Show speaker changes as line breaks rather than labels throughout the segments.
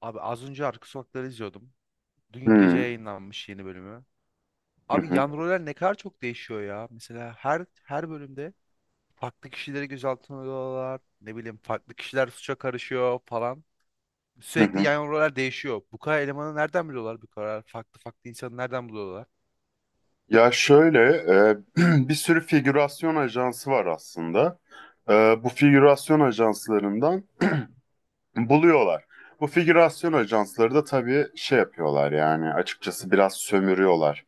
Abi az önce Arka Sokakları izliyordum. Dün gece
Hmm.
yayınlanmış yeni bölümü.
Hı
Abi yan
hı.
roller ne kadar çok değişiyor ya. Mesela her bölümde farklı kişileri gözaltına alıyorlar. Ne bileyim farklı kişiler suça karışıyor falan.
Hı
Sürekli
hı.
yan roller değişiyor. Bu kadar elemanı nereden buluyorlar? Bu kadar farklı farklı insanı nereden buluyorlar?
Ya şöyle, bir sürü figürasyon ajansı var aslında. E, bu figürasyon ajanslarından buluyorlar. Bu figürasyon ajansları da tabii şey yapıyorlar, yani açıkçası biraz sömürüyorlar.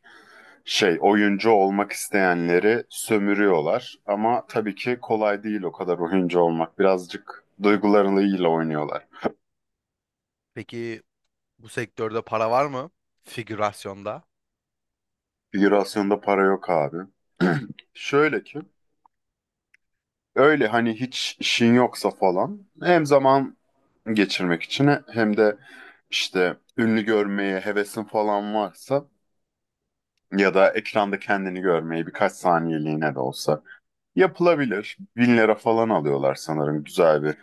Oyuncu olmak isteyenleri sömürüyorlar ama tabii ki kolay değil o kadar oyuncu olmak. Birazcık duygularıyla oynuyorlar.
Peki bu sektörde para var mı? Figürasyonda.
Figürasyonda para yok abi. Şöyle ki, öyle hani hiç işin yoksa falan, hem zaman geçirmek için hem de işte ünlü görmeye hevesin falan varsa ya da ekranda kendini görmeyi birkaç saniyeliğine de olsa yapılabilir. 1.000 lira falan alıyorlar sanırım güzel bir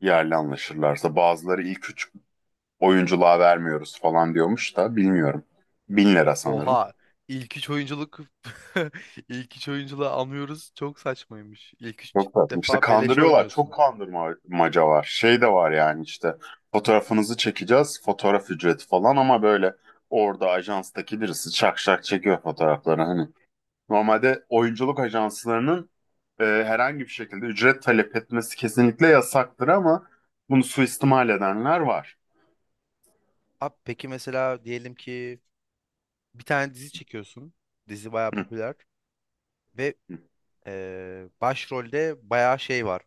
yerle anlaşırlarsa. Bazıları ilk üç oyunculuğa vermiyoruz falan diyormuş da bilmiyorum. 1.000 lira sanırım.
Oha ilk üç oyunculuk ilk üç oyunculuğu anlıyoruz. Çok saçmaymış. İlk üç
Çok tatlı. İşte
defa beleşe
kandırıyorlar. Çok
oynuyorsun.
kandırmaca var. Şey de var yani, işte fotoğrafınızı çekeceğiz, fotoğraf ücreti falan ama böyle orada ajanstaki birisi çak şak çekiyor fotoğrafları. Hani normalde oyunculuk ajanslarının herhangi bir şekilde ücret talep etmesi kesinlikle yasaktır ama bunu suistimal edenler var.
Abi peki mesela diyelim ki bir tane dizi çekiyorsun. Dizi bayağı
Hı.
popüler ve
Hı.
başrolde bayağı şey var.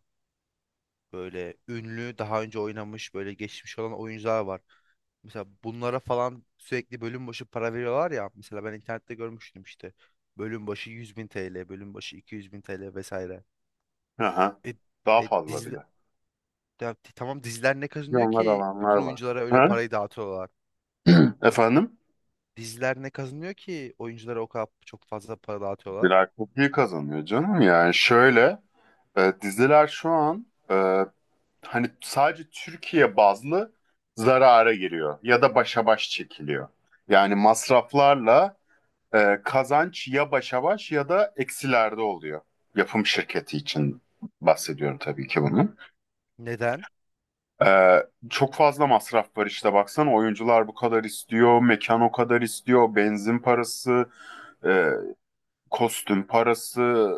Böyle ünlü, daha önce oynamış, böyle geçmiş olan oyuncular var. Mesela bunlara falan sürekli bölüm başı para veriyorlar ya. Mesela ben internette görmüştüm işte. Bölüm başı 100 bin TL, bölüm başı 200 bin TL vesaire.
Aha.
E,
Daha fazla
dizi,
bile.
tamam diziler ne kazanıyor
Milyonlar
ki
alanlar
bütün
var.
oyunculara öyle
Ha?
parayı dağıtıyorlar? Diz-
Efendim?
Diziler ne kazanıyor ki oyunculara o kadar çok fazla para dağıtıyorlar?
Birer çok iyi kazanıyor canım. Yani şöyle. Diziler şu an, hani sadece Türkiye bazlı zarara giriyor ya da başa baş çekiliyor. Yani masraflarla kazanç ya başa baş ya da eksilerde oluyor. Yapım şirketi için bahsediyorum tabii ki bunu.
Neden?
E, çok fazla masraf var işte, baksana oyuncular bu kadar istiyor, mekan o kadar istiyor, benzin parası, e, kostüm parası,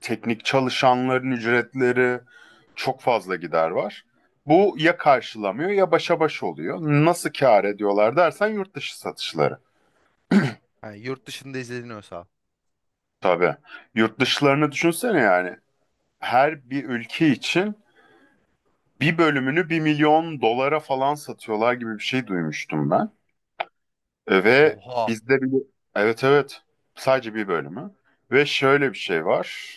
teknik çalışanların ücretleri, çok fazla gider var. Bu ya karşılamıyor ya başa baş oluyor. Nasıl kâr ediyorlar dersen, yurt dışı satışları.
Yani yurt dışında izleniyorsa.
Tabii. Yurt dışlarını düşünsene yani. Her bir ülke için bir bölümünü bir milyon dolara falan satıyorlar gibi bir şey duymuştum ben. Ve
Oha.
bizde bir, evet evet, sadece bir bölümü. Ve şöyle bir şey var,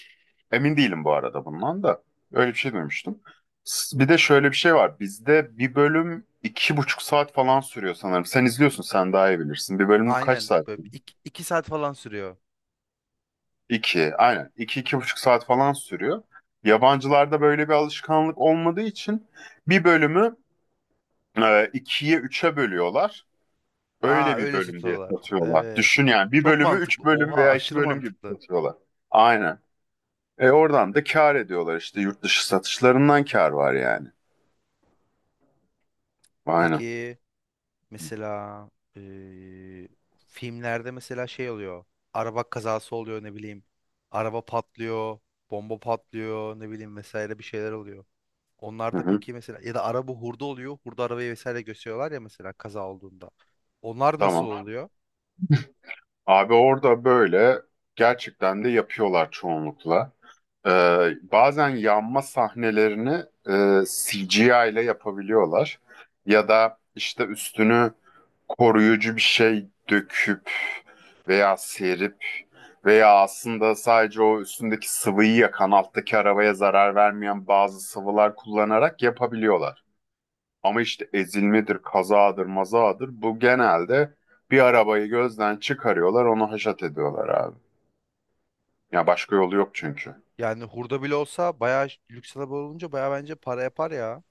emin değilim bu arada bundan da, öyle bir şey duymuştum. Bir de şöyle bir şey var, bizde bir bölüm iki buçuk saat falan sürüyor sanırım, sen izliyorsun, sen daha iyi bilirsin, bir bölüm kaç
Aynen.
saat?
Böyle iki, iki saat falan sürüyor.
İki aynen, İki iki buçuk saat falan sürüyor. Yabancılarda böyle bir alışkanlık olmadığı için bir bölümü ikiye üçe bölüyorlar.
Aa
Öyle bir
öyle
bölüm diye
satıyorlar.
satıyorlar.
Evet.
Düşün yani, bir
Çok
bölümü üç
mantıklı.
bölüm
Oha
veya iki
aşırı
bölüm gibi
mantıklı.
satıyorlar. Aynen. Oradan da kâr ediyorlar işte, yurt dışı satışlarından kâr var yani. Aynen.
Peki mesela eee, filmlerde mesela şey oluyor. Araba kazası oluyor ne bileyim. Araba patlıyor. Bomba patlıyor ne bileyim vesaire bir şeyler oluyor.
Hı
Onlarda
hı.
peki mesela ya da araba hurda oluyor. Hurda arabayı vesaire gösteriyorlar ya mesela kaza olduğunda. Onlar nasıl
Tamam.
oluyor?
Abi orada böyle gerçekten de yapıyorlar çoğunlukla. Ee, bazen yanma sahnelerini CGI ile yapabiliyorlar. Ya da işte üstünü koruyucu bir şey döküp veya serip veya aslında sadece o üstündeki sıvıyı yakan, alttaki arabaya zarar vermeyen bazı sıvılar kullanarak yapabiliyorlar. Ama işte ezilmedir, kazadır, mazadır, bu genelde bir arabayı gözden çıkarıyorlar, onu haşat ediyorlar abi. Ya başka yolu yok çünkü.
Yani hurda bile olsa bayağı lüks araba olunca bayağı bence para yapar ya.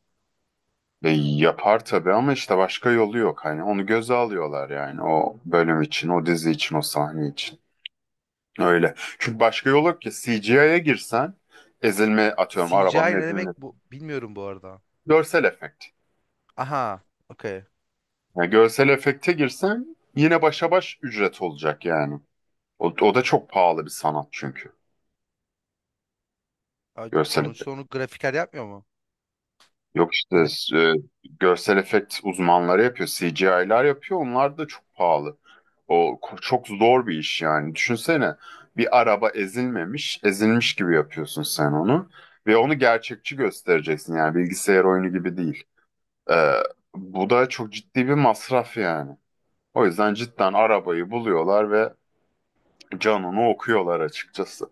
Yapar tabii ama işte başka yolu yok. Hani onu göze alıyorlar yani, o bölüm için, o dizi için, o sahne için. Öyle. Çünkü başka yol yok ki, CGI'ye girsen, ezilme, atıyorum arabanın
CGI ne demek
ezilmesi.
bu bilmiyorum bu arada.
Görsel efekt.
Aha, okey.
Yani görsel efekte girsen yine başa baş ücret olacak yani. O da çok pahalı bir sanat çünkü.
Ay,
Görsel efekt.
sonuçta onu grafiker yapmıyor mu?
Yok işte,
Graf
e, görsel efekt uzmanları yapıyor. CGI'lar yapıyor. Onlar da çok pahalı. O çok zor bir iş yani. Düşünsene, bir araba ezilmemiş, ezilmiş gibi yapıyorsun sen onu. Ve onu gerçekçi göstereceksin yani, bilgisayar oyunu gibi değil. Ee, bu da çok ciddi bir masraf yani. O yüzden cidden arabayı buluyorlar ve Canon'u okuyorlar açıkçası.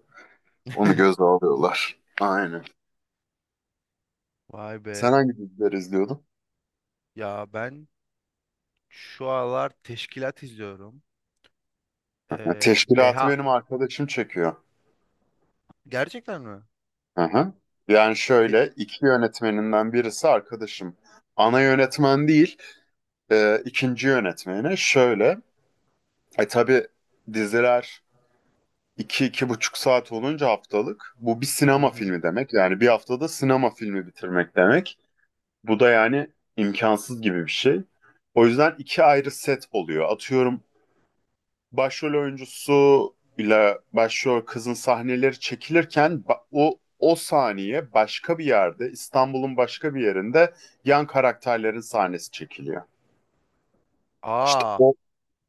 Onu göze alıyorlar. Aynen.
Vay
Sen
be.
hangi diziler izliyordun?
Ya ben şu aralar teşkilat izliyorum.
Ha, Teşkilatı
Deha
benim arkadaşım çekiyor.
gerçekten mi?
Hı hı. Yani
Te-
şöyle, iki yönetmeninden birisi arkadaşım. Ana yönetmen değil, ikinci yönetmeni. Şöyle, tabii diziler iki, iki buçuk saat olunca haftalık. Bu bir
Hı
sinema
hı.
filmi demek. Yani bir haftada sinema filmi bitirmek demek. Bu da yani imkansız gibi bir şey. O yüzden iki ayrı set oluyor. Atıyorum başrol oyuncusu ile başrol kızın sahneleri çekilirken o saniye başka bir yerde, İstanbul'un başka bir yerinde yan karakterlerin sahnesi çekiliyor. İşte
Aa,
o,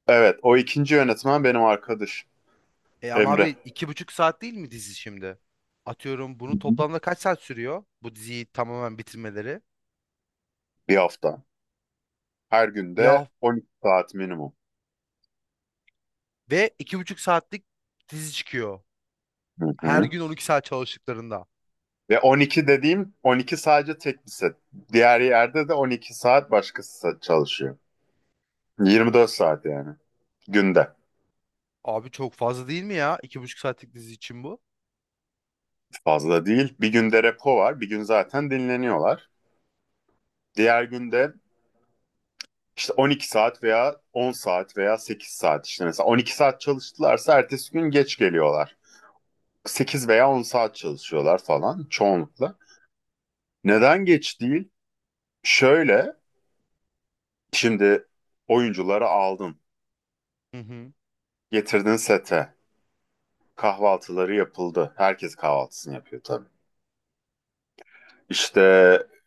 evet, o ikinci yönetmen benim arkadaş
e ama
Emre.
abi iki buçuk saat değil mi dizi şimdi? Atıyorum
Hı
bunu
hı.
toplamda kaç saat sürüyor? Bu diziyi tamamen bitirmeleri.
Bir hafta. Her
Bir
günde
hafta
12 saat minimum.
ve iki buçuk saatlik dizi çıkıyor.
Hı
Her
hı.
gün 12 saat çalıştıklarında.
Ve 12 dediğim 12 sadece tek bir set. Diğer yerde de 12 saat başkası çalışıyor. 24 saat yani günde.
Abi çok fazla değil mi ya? İki buçuk saatlik dizi için bu.
Fazla değil. Bir günde repo var. Bir gün zaten dinleniyorlar. Diğer günde işte 12 saat veya 10 saat veya 8 saat, işte mesela 12 saat çalıştılarsa ertesi gün geç geliyorlar. 8 veya 10 saat çalışıyorlar falan çoğunlukla. Neden geç değil? Şöyle, şimdi oyuncuları aldın,
Hı hı.
getirdin sete, kahvaltıları yapıldı. Herkes kahvaltısını yapıyor tabii. İşte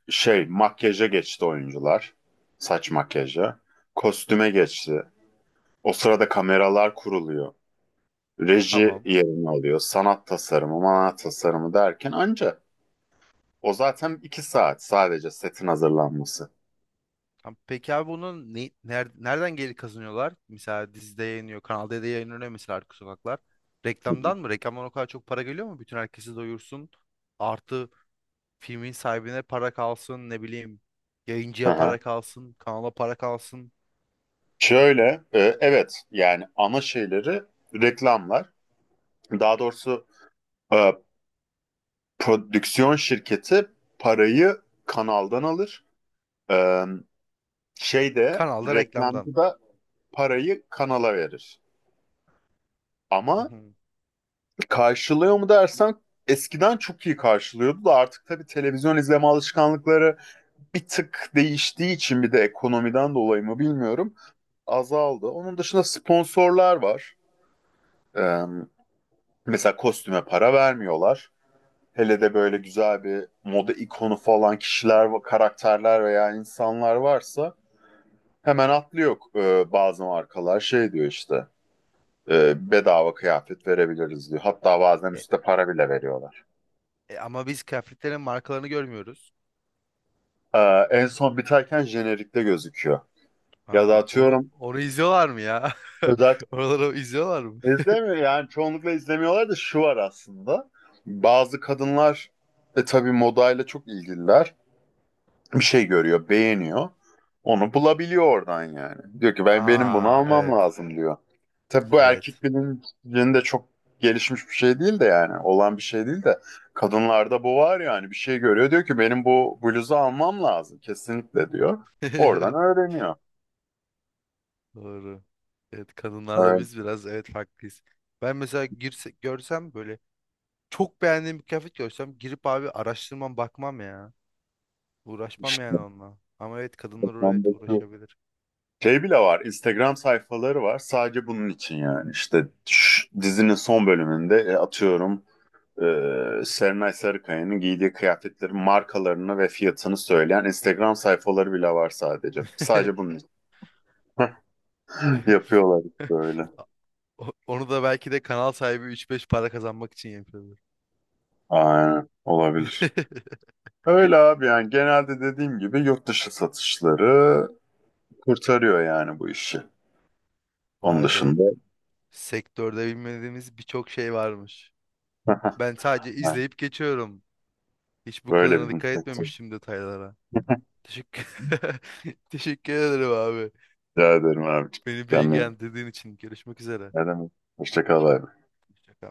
makyaja geçti oyuncular. Saç makyaja. Kostüme geçti. O sırada kameralar kuruluyor. Reji
Tamam.
yerini alıyor. Sanat tasarımı, manat tasarımı derken anca o zaten iki saat sadece setin hazırlanması.
Tamam. Peki abi bunu nereden geri kazanıyorlar? Mesela dizide yayınlıyor. Kanal D'de yayınlanıyor mesela Arka Sokaklar.
Hı hı.
Reklamdan mı? Reklamdan o kadar çok para geliyor mu? Bütün herkesi doyursun. Artı filmin sahibine para kalsın. Ne bileyim. Yayıncıya
Aha.
para kalsın. Kanala para kalsın.
Şöyle, evet yani ana şeyleri reklamlar. Daha doğrusu e, prodüksiyon şirketi parayı kanaldan alır. E, şey de
Kanalda reklamdan.
reklamcı da parayı kanala verir.
Hı
Ama
hı.
karşılıyor mu dersen, eskiden çok iyi karşılıyordu da artık tabii televizyon izleme alışkanlıkları bir tık değiştiği için, bir de ekonomiden dolayı mı bilmiyorum, azaldı. Onun dışında sponsorlar var. Ee, mesela kostüme para vermiyorlar. Hele de böyle güzel bir moda ikonu falan kişiler, karakterler veya insanlar varsa hemen atlıyor, bazı markalar şey diyor işte, bedava kıyafet verebiliriz diyor. Hatta bazen
E,
üstte para bile veriyorlar.
ama biz kıyafetlerin markalarını görmüyoruz.
Ee, en son biterken jenerikte gözüküyor. Ya da
Ha, onu
atıyorum
onu izliyorlar mı ya?
özel
Oraları izliyorlar mı?
izlemiyor yani, çoğunlukla izlemiyorlar da şu var aslında. Bazı kadınlar tabii modayla çok ilgililer. Bir şey görüyor, beğeniyor. Onu bulabiliyor oradan yani. Diyor ki ben, benim bunu
Aa
almam
evet.
lazım diyor. Tabii bu erkek
Evet.
bilincinde çok gelişmiş bir şey değil de, yani olan bir şey değil de, kadınlarda bu var yani, bir şey görüyor diyor ki benim bu bluzu almam lazım kesinlikle diyor. Oradan öğreniyor.
Doğru. Evet kadınlarla biz biraz evet farklıyız. Ben mesela görsem böyle çok beğendiğim bir kıyafet görsem girip abi araştırmam bakmam ya. Uğraşmam
İşte
yani onunla. Ama evet kadınlar evet
reklamdaki
uğraşabilir.
şey bile var, Instagram sayfaları var. Sadece bunun için yani. İşte dizinin son bölümünde, atıyorum, Serenay Sarıkaya'nın giydiği kıyafetlerin markalarını ve fiyatını söyleyen Instagram sayfaları bile var sadece. Sadece bunun için yapıyorlar işte öyle.
Onu da belki de kanal sahibi üç beş para kazanmak için yapıyordur.
Aynen. Olabilir. Öyle abi yani, genelde dediğim gibi, yurt dışı satışları kurtarıyor yani bu işi. Onun
Vay be.
dışında
Sektörde bilmediğimiz birçok şey varmış. Ben sadece izleyip geçiyorum. Hiç bu
böyle
kadarına
bir
dikkat
sektör.
etmemiştim detaylara. Teşekkür Teşekkür ederim abi.
Rica ederim abiciğim.
Beni
Kendine iyi bak.
bilgilendirdiğin için görüşmek üzere.
Ne demek? Hoşça kal abi.
Hoşça kal.